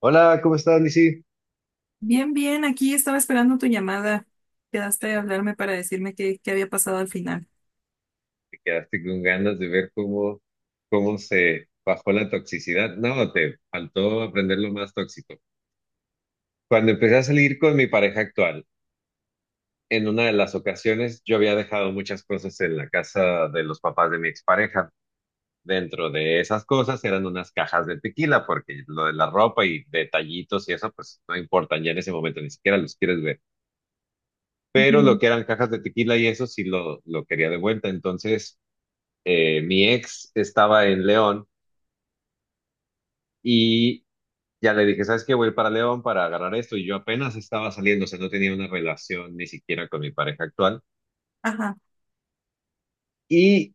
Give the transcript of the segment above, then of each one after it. Hola, ¿cómo estás, Lizzy? Bien, bien, aquí estaba esperando tu llamada. Quedaste de Ah, hablarme para decirme qué había pasado al final. te quedaste con ganas de ver cómo se bajó la toxicidad. No, te faltó aprender lo más tóxico. Cuando empecé a salir con mi pareja actual, en una de las ocasiones yo había dejado muchas cosas en la casa de los papás de mi expareja. Dentro de esas cosas eran unas cajas de tequila, porque lo de la ropa y detallitos y eso, pues no importan ya en ese momento, ni siquiera los quieres ver. Pero lo Ujú. que eran cajas de tequila y eso sí lo quería de vuelta. Entonces, mi ex estaba en León y ya le dije, ¿sabes qué? Voy para León para agarrar esto y yo apenas estaba saliendo, o sea, no tenía una relación ni siquiera con mi pareja actual. Ajá. Y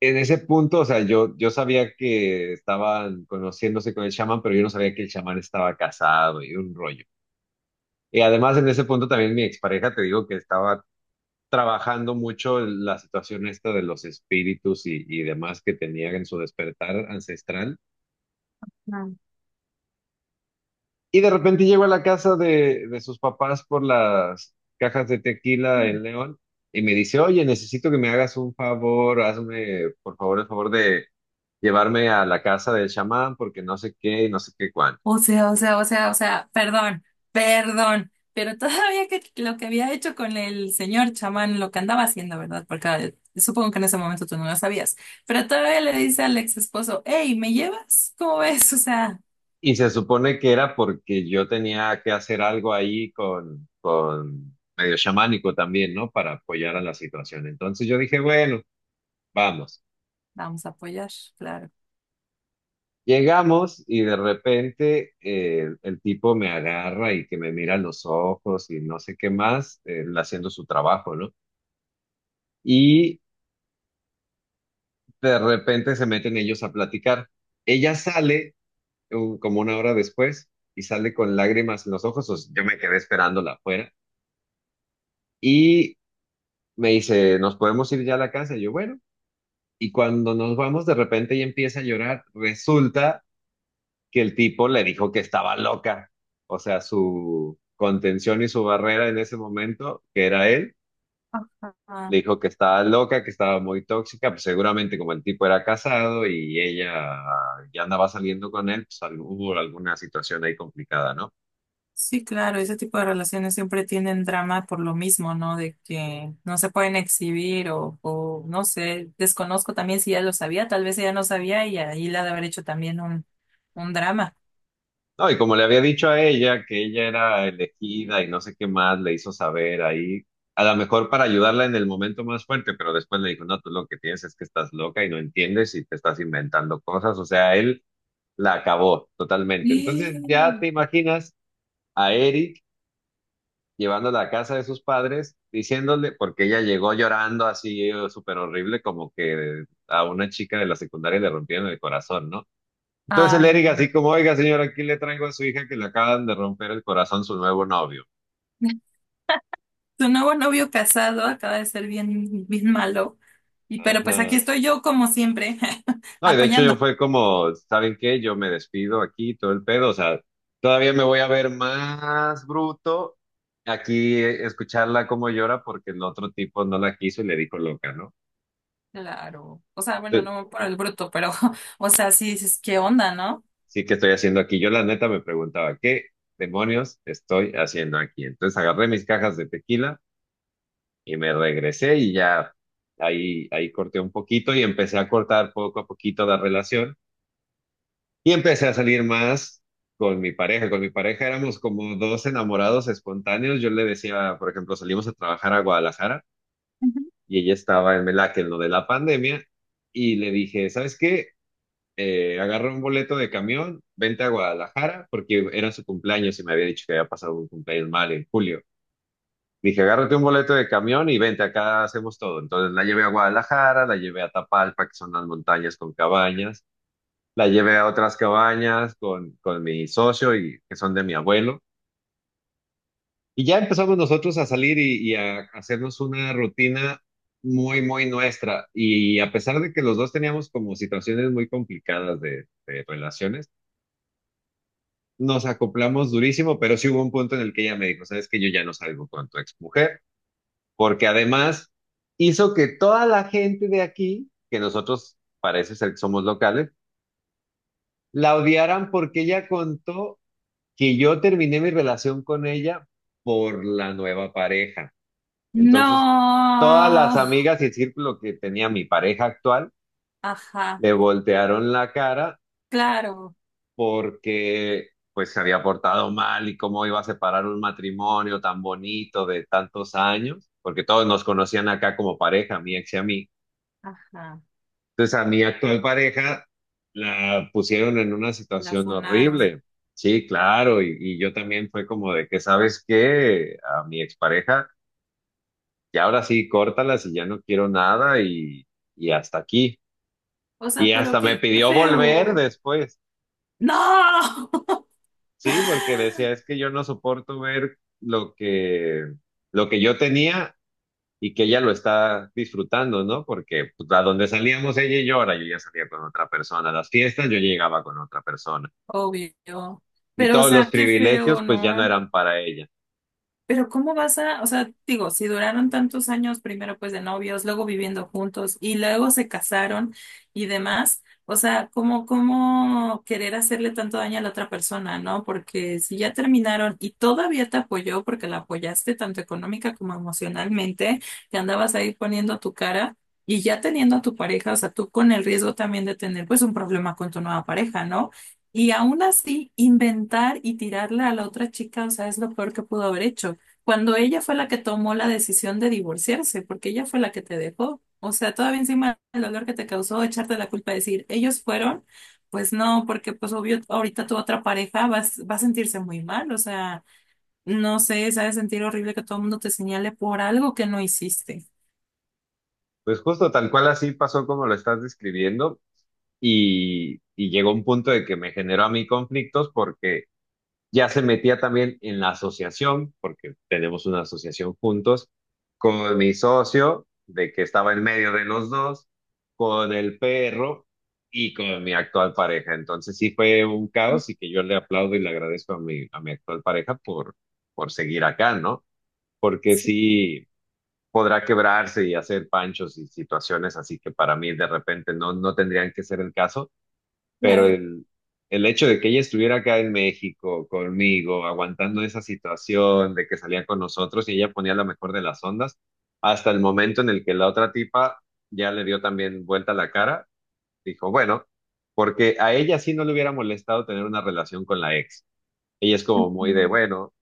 en ese punto, o sea, yo sabía que estaban conociéndose con el chamán, pero yo no sabía que el chamán estaba casado y un rollo. Y además en ese punto también mi expareja, te digo que estaba trabajando mucho la situación esta de los espíritus y demás que tenía en su despertar ancestral. Ah. Y de repente llego a la casa de sus papás por las cajas de tequila en León y me dice, oye, necesito que me hagas un favor, hazme por favor el favor de llevarme a la casa del chamán porque no sé qué y no sé qué cuándo. O sea, perdón, perdón, pero todavía que lo que había hecho con el señor chamán, lo que andaba haciendo, ¿verdad? Porque supongo que en ese momento tú no lo sabías, pero todavía le dice al ex esposo, hey, ¿me llevas? ¿Cómo ves? O sea, Y se supone que era porque yo tenía que hacer algo ahí con medio chamánico también, ¿no? Para apoyar a la situación. Entonces yo dije, bueno, vamos. vamos a apoyar, claro. Llegamos y de repente el tipo me agarra y que me mira a los ojos y no sé qué más, él haciendo su trabajo, ¿no? Y de repente se meten ellos a platicar. Ella sale como una hora después y sale con lágrimas en los ojos, o sea, yo me quedé esperándola afuera y me dice, ¿nos podemos ir ya a la casa? Y yo, bueno, y cuando nos vamos de repente ella empieza a llorar, resulta que el tipo le dijo que estaba loca. O sea, su contención y su barrera en ese momento, que era él, le Ajá. dijo que estaba loca, que estaba muy tóxica, pues seguramente como el tipo era casado y ella ya andaba saliendo con él, pues hubo alguna situación ahí complicada, ¿no? Sí, claro, ese tipo de relaciones siempre tienen drama por lo mismo, ¿no? De que no se pueden exhibir o no sé, desconozco también si ella lo sabía, tal vez ella no sabía y ahí la ha de haber hecho también un drama. No, y como le había dicho a ella que ella era elegida y no sé qué más, le hizo saber ahí, a lo mejor para ayudarla en el momento más fuerte, pero después le dijo, no, tú lo que tienes es que estás loca y no entiendes y te estás inventando cosas. O sea, él la acabó totalmente. Entonces ya te imaginas a Eric llevándola a casa de sus padres, diciéndole, porque ella llegó llorando así, súper horrible, como que a una chica de la secundaria le rompieron el corazón, ¿no? Entonces el Ay, Eric no. así como, oiga señora, aquí le traigo a su hija que le acaban de romper el corazón su nuevo novio. Tu nuevo novio casado acaba de ser bien, bien malo. Y pero pues aquí Ajá. estoy yo como siempre, No, y de hecho yo apoyando. fue como, ¿saben qué? Yo me despido aquí, todo el pedo, o sea, todavía me voy a ver más bruto aquí, escucharla como llora porque el otro tipo no la quiso y le dijo loca, ¿no? Claro. O sea, bueno, Entonces, no por el bruto, pero o sea, sí dices, ¿qué onda, no? sí, ¿que estoy haciendo aquí? Yo la neta me preguntaba, ¿qué demonios estoy haciendo aquí? Entonces agarré mis cajas de tequila y me regresé y ya ahí, ahí corté un poquito y empecé a cortar poco a poquito la relación. Y empecé a salir más con mi pareja. Con mi pareja éramos como dos enamorados espontáneos. Yo le decía, por ejemplo, salimos a trabajar a Guadalajara y ella estaba en Melaque, en lo de la pandemia, y le dije, ¿sabes qué? Agarra un boleto de camión, vente a Guadalajara, porque era su cumpleaños y me había dicho que había pasado un cumpleaños mal en julio. Dije, agárrate un boleto de camión y vente, acá hacemos todo. Entonces la llevé a Guadalajara, la llevé a Tapalpa, que son las montañas con cabañas, la llevé a otras cabañas con mi socio y que son de mi abuelo. Y ya empezamos nosotros a salir y a hacernos una rutina muy, muy nuestra. Y a pesar de que los dos teníamos como situaciones muy complicadas de relaciones, nos acoplamos durísimo, pero sí hubo un punto en el que ella me dijo, sabes que yo ya no salgo con tu exmujer, porque además hizo que toda la gente de aquí, que nosotros parece ser que somos locales, la odiaran porque ella contó que yo terminé mi relación con ella por la nueva pareja. Entonces, todas las No. amigas y el círculo que tenía mi pareja actual Ajá. le voltearon la cara Claro, porque pues se había portado mal y cómo iba a separar un matrimonio tan bonito de tantos años, porque todos nos conocían acá como pareja, mi ex y a mí. ajá, Entonces a mi actual pareja la pusieron en una la situación funaron. horrible. Sí, claro, y yo también fue como de que, ¿sabes qué? A mi expareja, y ahora sí, córtalas y ya no quiero nada y, y hasta aquí. O sea, Y pero hasta me qué pidió volver feo. después, No, sí, porque decía, es que yo no soporto ver lo que yo tenía y que ella lo está disfrutando, ¿no? Porque pues, a donde salíamos ella y yo, ahora yo ya salía con otra persona, a las fiestas yo llegaba con otra persona. obvio. Y Pero, o todos los sea, qué feo, privilegios pues ya no ¿no? eran para ella. Pero ¿cómo vas a, o sea, digo, si duraron tantos años primero pues de novios, luego viviendo juntos y luego se casaron y demás, o sea, ¿cómo querer hacerle tanto daño a la otra persona, ¿no? Porque si ya terminaron y todavía te apoyó porque la apoyaste tanto económica como emocionalmente, te andabas ahí poniendo tu cara y ya teniendo a tu pareja, o sea, tú con el riesgo también de tener pues un problema con tu nueva pareja, ¿no? Y aún así, inventar y tirarle a la otra chica, o sea, es lo peor que pudo haber hecho cuando ella fue la que tomó la decisión de divorciarse, porque ella fue la que te dejó. O sea, todavía encima el dolor que te causó echarte la culpa, decir, ellos fueron, pues no, porque pues obvio, ahorita tu otra pareja va a sentirse muy mal, o sea, no sé, se ha de sentir horrible que todo el mundo te señale por algo que no hiciste. Pues justo tal cual así pasó como lo estás describiendo y llegó un punto de que me generó a mí conflictos porque ya se metía también en la asociación, porque tenemos una asociación juntos, con mi socio, de que estaba en medio de los dos, con el perro y con mi actual pareja. Entonces sí fue un caos y que yo le aplaudo y le agradezco a mi actual pareja por seguir acá, ¿no? Porque sí, podrá quebrarse y hacer panchos y situaciones así que para mí de repente no, no tendrían que ser el caso, pero Claro. El hecho de que ella estuviera acá en México conmigo, aguantando esa situación de que salía con nosotros y ella ponía la mejor de las ondas, hasta el momento en el que la otra tipa ya le dio también vuelta la cara, dijo, bueno, porque a ella sí no le hubiera molestado tener una relación con la ex. Ella es como muy de, bueno.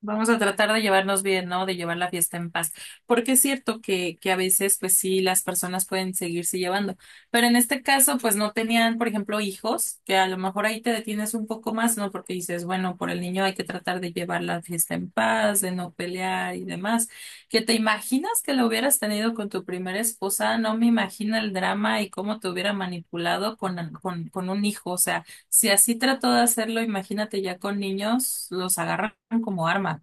Vamos a tratar de llevarnos bien, ¿no? De llevar la fiesta en paz. Porque es cierto que a veces, pues sí, las personas pueden seguirse llevando. Pero en este caso, pues no tenían, por ejemplo, hijos, que a lo mejor ahí te detienes un poco más, ¿no? Porque dices, bueno, por el niño hay que tratar de llevar la fiesta en paz, de no pelear y demás. ¿Que te imaginas que lo hubieras tenido con tu primera esposa? No me imagino el drama y cómo te hubiera manipulado con un hijo. O sea, si así trató de hacerlo, imagínate ya con niños, los agarran como arma.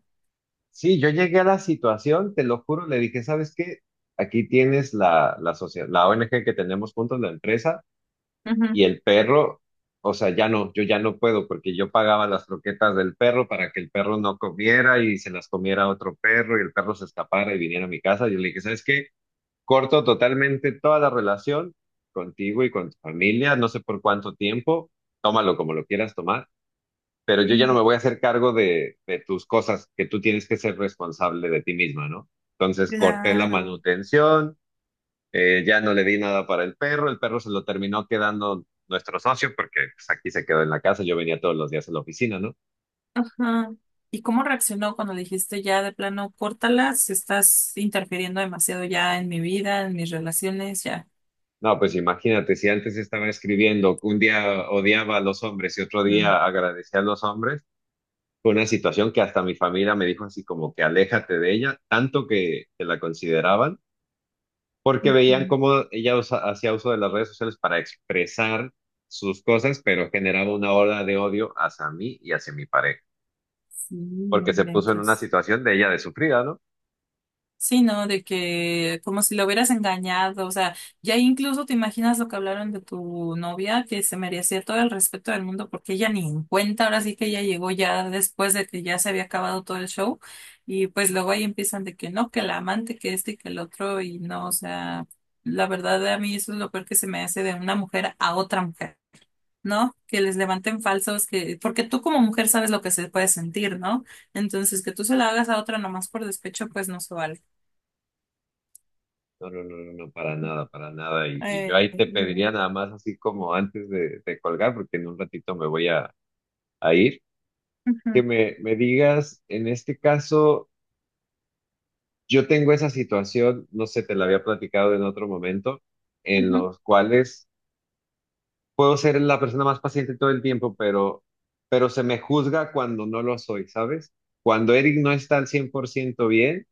Sí, yo llegué a la situación, te lo juro, le dije, ¿sabes qué? Aquí tienes la, la sociedad, la ONG que tenemos juntos, la empresa, Ujú. y el perro, o sea, ya no, yo ya no puedo, porque yo pagaba las croquetas del perro para que el perro no comiera y se las comiera otro perro y el perro se escapara y viniera a mi casa. Yo le dije, ¿sabes qué? Corto totalmente toda la relación contigo y con tu familia, no sé por cuánto tiempo, tómalo como lo quieras tomar, pero yo ya no Mm. me voy a hacer cargo de tus cosas, que tú tienes que ser responsable de ti misma, ¿no? Entonces corté la Claro. manutención, ya no le di nada para el perro se lo terminó quedando nuestro socio porque pues, aquí se quedó en la casa, yo venía todos los días a la oficina, ¿no? Ajá. ¿Y cómo reaccionó cuando le dijiste ya de plano, córtala, si estás interfiriendo demasiado ya en mi vida, en mis relaciones, ya? No, pues imagínate, si antes estaba escribiendo, un día odiaba a los hombres y otro Mm. día agradecía a los hombres, fue una situación que hasta mi familia me dijo así como que aléjate de ella, tanto que la consideraban porque veían Ujú. cómo ella hacía uso de las redes sociales para expresar sus cosas, pero generaba una ola de odio hacia mí y hacia mi pareja, Sí, no porque se puso en una inventes. situación de ella de sufrida, ¿no? Sí, ¿no? De que como si lo hubieras engañado, o sea, ya incluso te imaginas lo que hablaron de tu novia, que se merecía todo el respeto del mundo porque ella ni en cuenta, ahora sí que ella llegó ya después de que ya se había acabado todo el show y pues luego ahí empiezan de que no, que la amante, que este y que el otro y no, o sea, la verdad a mí eso es lo peor que se me hace de una mujer a otra mujer, ¿no? Que les levanten falsos, que porque tú como mujer sabes lo que se puede sentir, ¿no? Entonces que tú se la hagas a otra nomás por despecho, pues no se vale. No, no, no, no, no, para nada, para nada. Y yo ahí te No. pediría nada más así como antes de colgar, porque en un ratito me voy a ir, que Ujú, me digas, en este caso, yo tengo esa situación, no sé, te la había platicado en otro momento, en ujú. los cuales puedo ser la persona más paciente todo el tiempo, pero se me juzga cuando no lo soy, ¿sabes? Cuando Eric no está al 100% bien,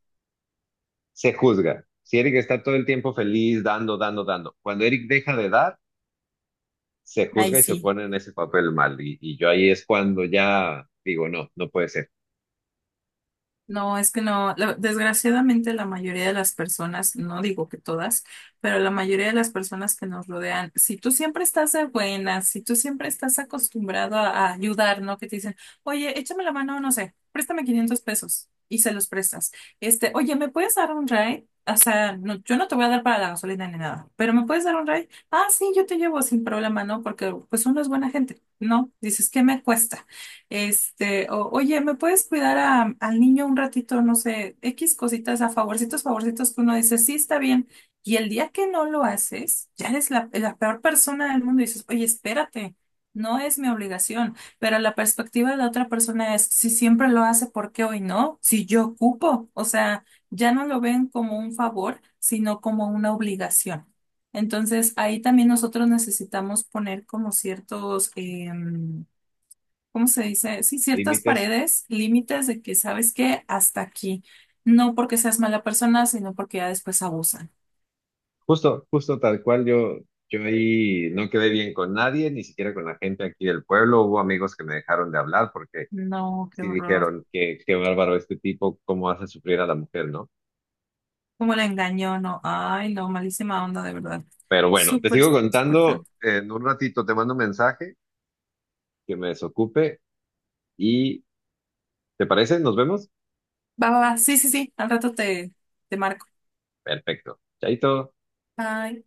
se juzga. Si Eric está todo el tiempo feliz, dando, dando, dando. Cuando Eric deja de dar, se Ahí juzga y se sí. pone en ese papel mal. Y yo ahí es cuando ya digo, no, no puede ser. No, es que no, la- desgraciadamente la mayoría de las personas, no digo que todas, pero la mayoría de las personas que nos rodean, si tú siempre estás de buenas, si tú siempre estás acostumbrado a ayudar, ¿no? Que te dicen, oye, échame la mano, no sé, préstame 500 pesos y se los prestas. Este, oye, ¿me puedes dar un ride? O sea, no, yo no te voy a dar para la gasolina ni nada, pero ¿me puedes dar un ride? Ah, sí, yo te llevo sin problema, ¿no? Porque pues uno es buena gente. No, dices, ¿qué me cuesta? Este, oye, ¿me puedes cuidar a- al niño un ratito? No sé, X cositas, a favorcitos, favorcitos que uno dice, sí, está bien. Y el día que no lo haces, ya eres la peor persona del mundo y dices, oye, espérate, no es mi obligación. Pero la perspectiva de la otra persona es, si siempre lo hace, ¿por qué hoy no? Si yo ocupo, o sea, ya no lo ven como un favor, sino como una obligación. Entonces, ahí también nosotros necesitamos poner como ciertos ¿cómo se dice? Sí, ciertas Límites. paredes, límites de que sabes que hasta aquí. No porque seas mala persona, sino porque ya después abusan. Justo, justo tal cual yo. Yo ahí no quedé bien con nadie, ni siquiera con la gente aquí del pueblo. Hubo amigos que me dejaron de hablar porque No, qué sí horror. dijeron que qué bárbaro este tipo, cómo hace sufrir a la mujer, ¿no? Cómo la engañó, no. Ay, no, malísima onda, de verdad. Pero bueno, te Súper, sigo súper feo. contando en un ratito, te mando un mensaje que me desocupe y, ¿te parece? ¿Nos vemos? Va, va, va. Sí, sí, sí. Al rato te marco. Perfecto. Chaito. Bye.